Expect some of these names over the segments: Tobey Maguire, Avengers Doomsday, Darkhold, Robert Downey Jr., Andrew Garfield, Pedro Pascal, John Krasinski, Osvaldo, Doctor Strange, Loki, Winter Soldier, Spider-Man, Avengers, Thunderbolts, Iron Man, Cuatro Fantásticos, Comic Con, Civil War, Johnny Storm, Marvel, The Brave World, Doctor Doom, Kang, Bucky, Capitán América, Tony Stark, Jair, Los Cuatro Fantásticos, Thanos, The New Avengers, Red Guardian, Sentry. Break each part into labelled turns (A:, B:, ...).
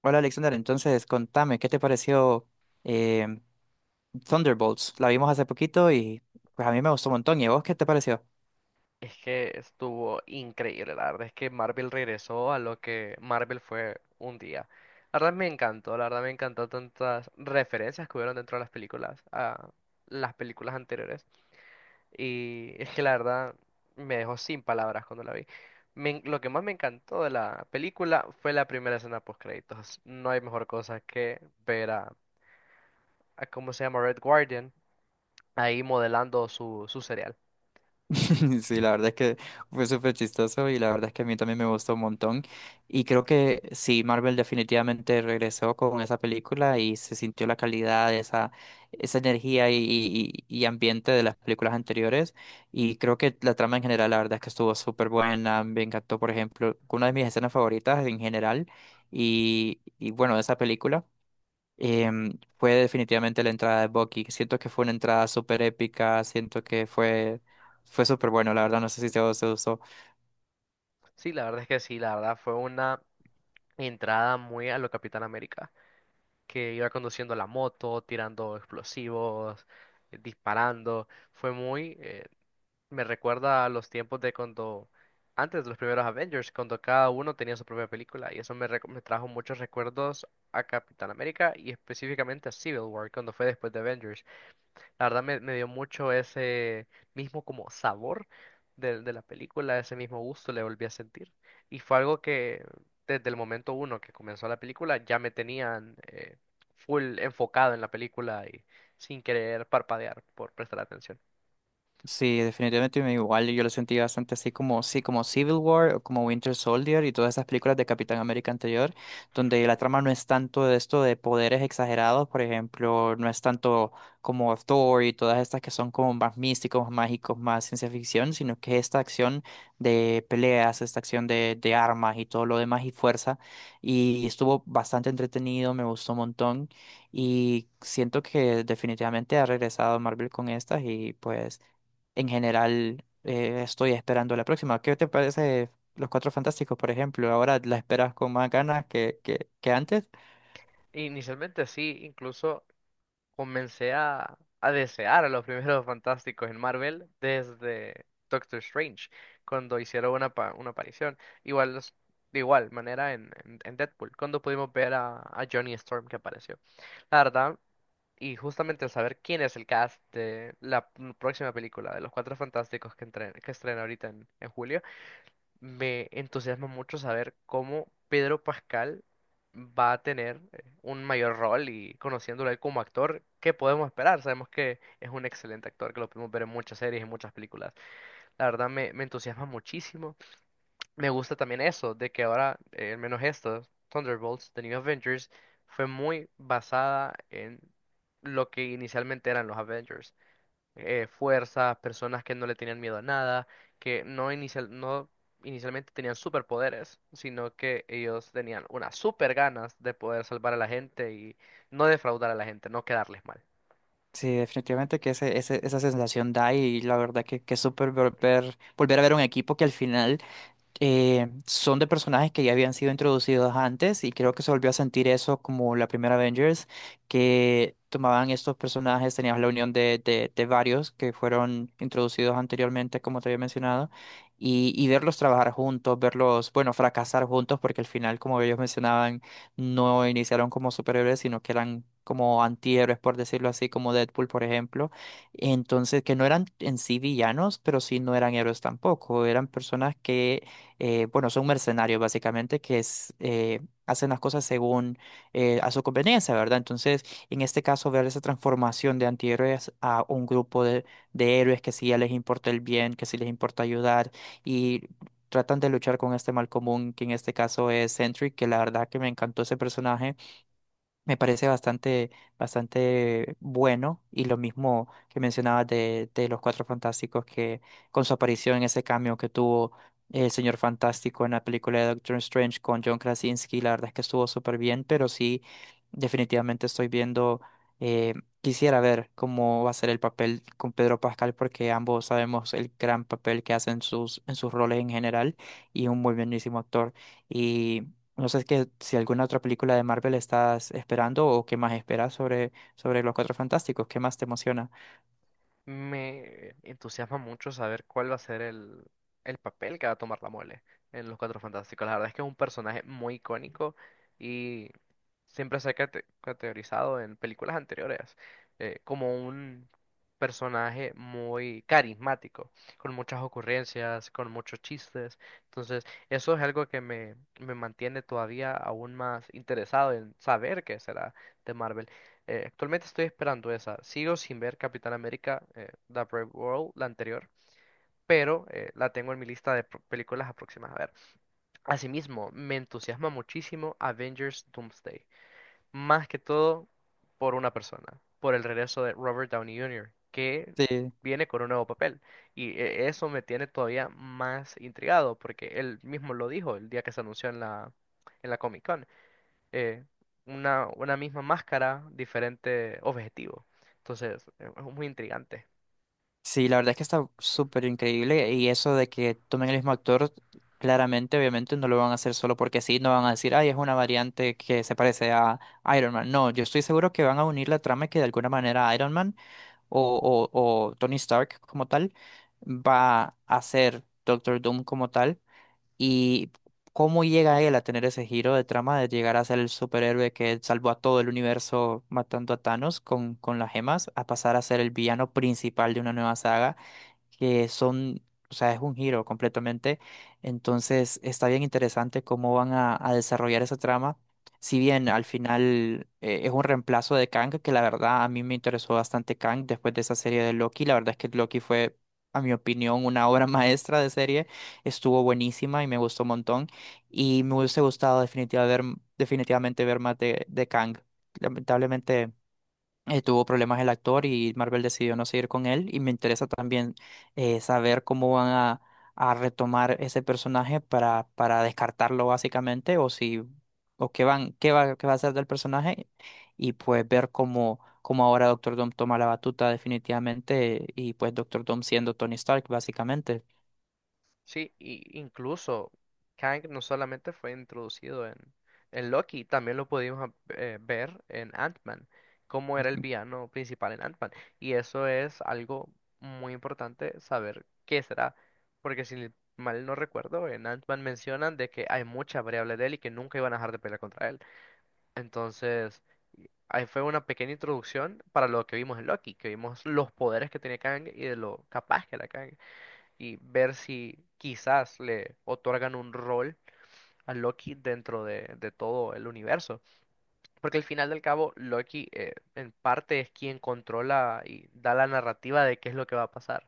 A: Hola Alexander, entonces contame, ¿qué te pareció em, Thunderbolts? La vimos hace poquito y pues a mí me gustó un montón. ¿Y a vos qué te pareció?
B: Es que estuvo increíble, la verdad es que Marvel regresó a lo que Marvel fue un día. La verdad me encantó, la verdad me encantó tantas referencias que hubieron dentro de las películas, a las películas anteriores. Y es que la verdad me dejó sin palabras cuando la vi. Lo que más me encantó de la película fue la primera escena post créditos. No hay mejor cosa que ver a cómo se llama Red Guardian ahí modelando su cereal.
A: Sí, la verdad es que fue súper chistoso y la verdad es que a mí también me gustó un montón. Y creo que sí, Marvel definitivamente regresó con esa película y se sintió la calidad, esa energía y ambiente de las películas anteriores. Y creo que la trama en general, la verdad es que estuvo súper buena. Me encantó, por ejemplo, una de mis escenas favoritas en general y bueno, de esa película fue definitivamente la entrada de Bucky. Siento que fue una entrada súper épica, siento que fue súper bueno, la verdad, no sé si se usó.
B: Sí, la verdad es que sí, la verdad fue una entrada muy a lo Capitán América, que iba conduciendo la moto, tirando explosivos, disparando. Fue muy, me recuerda a los tiempos de cuando, antes de los primeros Avengers, cuando cada uno tenía su propia película, y me trajo muchos recuerdos a Capitán América y específicamente a Civil War, cuando fue después de Avengers. Me dio mucho ese mismo como sabor de la película, ese mismo gusto le volví a sentir. Y fue algo que desde el momento uno que comenzó la película ya me tenían full enfocado en la película y sin querer parpadear por prestar atención.
A: Sí, definitivamente igual yo lo sentí bastante así como, sí, como Civil War o como Winter Soldier y todas esas películas de Capitán América anterior, donde la trama no es tanto de esto de poderes exagerados, por ejemplo, no es tanto como Thor y todas estas que son como más místicos, más mágicos, más ciencia ficción, sino que esta acción de peleas, esta acción de armas y todo lo demás y fuerza, y estuvo bastante entretenido, me gustó un montón y siento que definitivamente ha regresado Marvel con estas y pues en general estoy esperando la próxima. ¿Qué te parece Los Cuatro Fantásticos, por ejemplo? Ahora la esperas con más ganas que antes.
B: Inicialmente sí, incluso a desear a los primeros fantásticos en Marvel desde Doctor Strange, cuando hicieron una, una aparición. Igual, de igual manera en Deadpool, cuando pudimos ver a Johnny Storm que apareció. La verdad, y justamente el saber quién es el cast de la próxima película de los Cuatro Fantásticos que, que estrena ahorita en julio. Me entusiasma mucho saber cómo Pedro Pascal va a tener un mayor rol y conociéndolo a él como actor, ¿qué podemos esperar? Sabemos que es un excelente actor, que lo podemos ver en muchas series y muchas películas. Me entusiasma muchísimo. Me gusta también eso, de que ahora, al menos esto, Thunderbolts, The New Avengers, fue muy basada en lo que inicialmente eran los Avengers, fuerzas, personas que no le tenían miedo a nada, que no inicialmente tenían superpoderes, sino que ellos tenían unas super ganas de poder salvar a la gente y no defraudar a la gente, no quedarles mal.
A: Sí, definitivamente que esa sensación da y la verdad que es súper volver a ver un equipo que al final son de personajes que ya habían sido introducidos antes y creo que se volvió a sentir eso como la primera Avengers, que tomaban estos personajes, tenías la unión de varios que fueron introducidos anteriormente, como te había mencionado, y verlos trabajar juntos, verlos, bueno, fracasar juntos, porque al final, como ellos mencionaban, no iniciaron como superhéroes, sino que eran como antihéroes, por decirlo así, como Deadpool, por ejemplo. Entonces, que no eran en sí villanos, pero sí no eran héroes tampoco. Eran personas que bueno, son mercenarios básicamente que es, hacen las cosas según a su conveniencia, ¿verdad? Entonces, en este caso, ver esa transformación de antihéroes a un grupo de héroes que sí ya les importa el bien, que sí les importa ayudar y tratan de luchar con este mal común, que en este caso es Sentry, que la verdad que me encantó ese personaje, me parece bastante, bastante bueno y lo mismo que mencionabas de los Cuatro Fantásticos que con su aparición en ese cambio que tuvo el Señor Fantástico en la película de Doctor Strange con John Krasinski, la verdad es que estuvo súper bien, pero sí, definitivamente estoy viendo, eh, quisiera ver cómo va a ser el papel con Pedro Pascal porque ambos sabemos el gran papel que hacen sus, en sus roles en general y un muy buenísimo actor. No sé que, si alguna otra película de Marvel estás esperando o qué más esperas sobre, sobre los Cuatro Fantásticos, qué más te emociona.
B: Me entusiasma mucho saber cuál va a ser el papel que va a tomar la mole en Los Cuatro Fantásticos. La verdad es que es un personaje muy icónico, siempre se ha categorizado en películas anteriores, como un personaje muy carismático, con muchas ocurrencias, con muchos chistes. Entonces, eso es algo que me mantiene todavía aún más interesado en saber qué será de Marvel. Actualmente estoy esperando esa. Sigo sin ver Capitán América, The Brave World, la anterior. Pero la tengo en mi lista de películas aproximadas a ver. Asimismo, me entusiasma muchísimo Avengers Doomsday, más que todo por una persona, por el regreso de Robert Downey Jr., que
A: Sí,
B: viene con un nuevo papel. Y eso me tiene todavía más intrigado, porque él mismo lo dijo el día que se anunció en en la Comic Con. eh, una misma máscara, diferente objetivo. Entonces, es muy intrigante.
A: sí, la verdad es que está súper increíble y eso de que tomen el mismo actor, claramente, obviamente no lo van a hacer solo porque sí, no van a decir, ay, es una variante que se parece a Iron Man. No, yo estoy seguro que van a unir la trama y que de alguna manera Iron Man o, o Tony Stark como tal va a ser Doctor Doom como tal. ¿Y cómo llega él a tener ese giro de trama de llegar a ser el superhéroe que salvó a todo el universo matando a Thanos con las gemas, a pasar a ser el villano principal de una nueva saga? Que son, o sea, es un giro completamente. Entonces, está bien interesante cómo van a desarrollar esa trama. Si bien al final es un reemplazo de Kang, que la verdad a mí me interesó bastante Kang después de esa serie de Loki. La verdad es que Loki fue, a mi opinión, una obra maestra de serie. Estuvo buenísima y me gustó un montón. Y me hubiese gustado definitivamente ver más de Kang. Lamentablemente tuvo problemas el actor y Marvel decidió no seguir con él. Y me interesa también saber cómo van a retomar ese personaje para descartarlo básicamente o si o qué van, qué va a hacer del personaje y pues ver cómo, cómo ahora Doctor Doom toma la batuta definitivamente y pues Doctor Doom siendo Tony Stark básicamente.
B: Sí, y incluso Kang no solamente fue introducido en Loki, también lo pudimos ver en Ant-Man, cómo era el villano principal en Ant-Man. Y eso es algo muy importante saber qué será, porque si mal no recuerdo, en Ant-Man mencionan de que hay muchas variables de él y que nunca iban a dejar de pelear contra él. Entonces, ahí fue una pequeña introducción para lo que vimos en Loki, que vimos los poderes que tenía Kang y de lo capaz que era Kang, y ver si quizás le otorgan un rol a Loki dentro de todo el universo. Porque al final del cabo, Loki, en parte es quien controla y da la narrativa de qué es lo que va a pasar.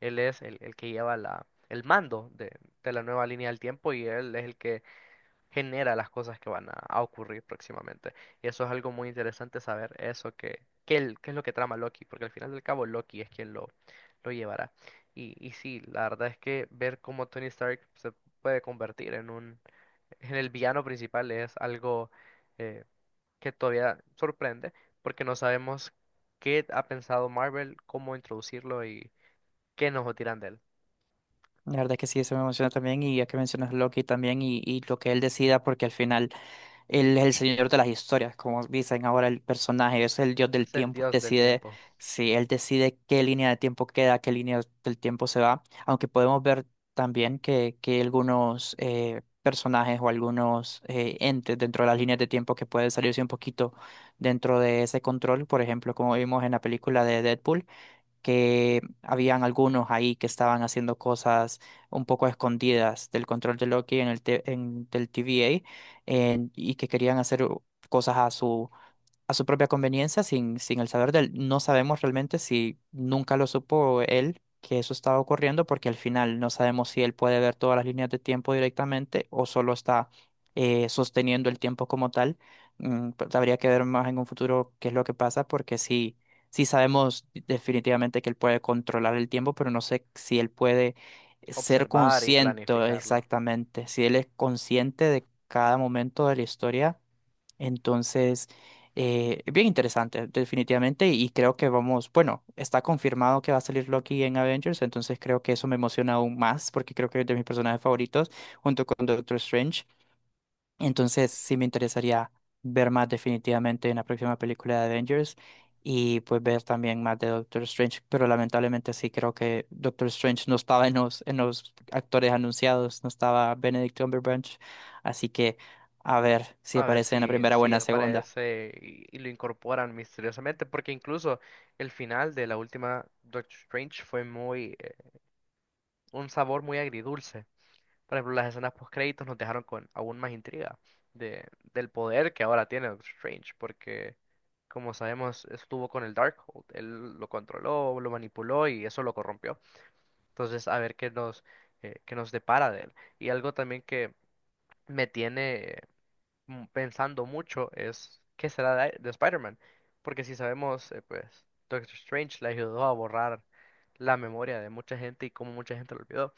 B: Él es el que lleva la, el mando de la nueva línea del tiempo y él es el que genera las cosas que a ocurrir próximamente. Y eso es algo muy interesante saber, eso que, qué, el- qué es lo que trama Loki, porque al final del cabo Loki es quien lo llevará. Y sí, la verdad es que ver cómo Tony Stark se puede convertir en un, en el villano principal es algo eh, que todavía sorprende, porque no sabemos qué ha pensado Marvel, cómo introducirlo y qué nos tiran de él.
A: La verdad que sí, eso me emociona también y ya que mencionas Loki también y lo que él decida porque al final él es el señor de las historias, como dicen ahora el personaje, es el dios del
B: Es el
A: tiempo.
B: dios del
A: Decide
B: tiempo,
A: Si él decide qué línea de tiempo queda, qué línea del tiempo se va. Aunque podemos ver también que algunos personajes o algunos entes dentro de las líneas de tiempo que pueden salirse un poquito dentro de ese control. Por ejemplo, como vimos en la película de Deadpool que habían algunos ahí que estaban haciendo cosas un poco escondidas del control de Loki en el te- en- del TVA y que querían hacer cosas a su propia conveniencia, sin el saber de él. No sabemos realmente si nunca lo supo él que eso estaba ocurriendo, porque al final no sabemos si él puede ver todas las líneas de tiempo directamente o solo está sosteniendo el tiempo como tal. Mm, pues habría que ver más en un futuro qué es lo que pasa, porque sí, sí sabemos definitivamente que él puede controlar el tiempo, pero no sé si él puede ser
B: observar y
A: consciente
B: planificarlo.
A: exactamente, si él es consciente de cada momento de la historia. Entonces, bien interesante, definitivamente, y creo que vamos, bueno, está confirmado que va a salir Loki en Avengers, entonces creo que eso me emociona aún más, porque creo que es de mis personajes favoritos, junto con Doctor Strange. Entonces sí me interesaría ver más definitivamente en la próxima película de Avengers y pues ver también más de Doctor Strange, pero lamentablemente sí creo que Doctor Strange no estaba en los actores anunciados, no estaba Benedict Cumberbatch, así que a ver si
B: A ver
A: aparece en la
B: si,
A: primera o en
B: si
A: la segunda.
B: aparece y lo incorporan misteriosamente, porque incluso el final de la última Doctor Strange fue muy, un sabor muy agridulce. Por ejemplo, las escenas post créditos nos dejaron con aún más intriga de, del poder que ahora tiene Doctor Strange, porque como sabemos, estuvo con el Darkhold, él lo controló, lo manipuló y eso lo corrompió. Entonces, a ver qué qué nos depara de él. Y algo también que me tiene mm, pensando mucho es qué será de Spider-Man. Porque si sabemos, pues Doctor Strange le ayudó a borrar la memoria de mucha gente y cómo mucha gente lo olvidó.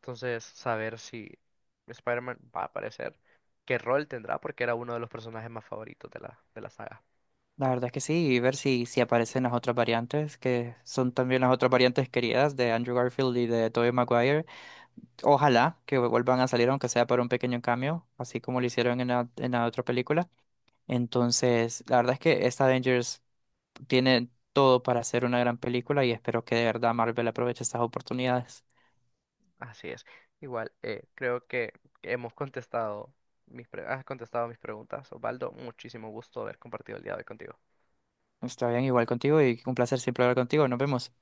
B: Entonces, saber si Spider-Man va a aparecer, qué rol tendrá, porque era uno de los personajes más favoritos de de la saga.
A: La verdad es que sí, y ver si, si aparecen las otras variantes, que son también las otras variantes queridas de Andrew Garfield y de Tobey Maguire. Ojalá que vuelvan a salir, aunque sea para un pequeño cambio, así como lo hicieron en la otra película. Entonces, la verdad es que esta Avengers tiene todo para hacer una gran película y espero que de verdad Marvel aproveche estas oportunidades.
B: Así es. Igual, creo que hemos contestado mis pre- has contestado mis preguntas, Osvaldo. Muchísimo gusto haber compartido el día de hoy contigo.
A: Está bien, igual contigo y un placer siempre hablar contigo. Nos vemos.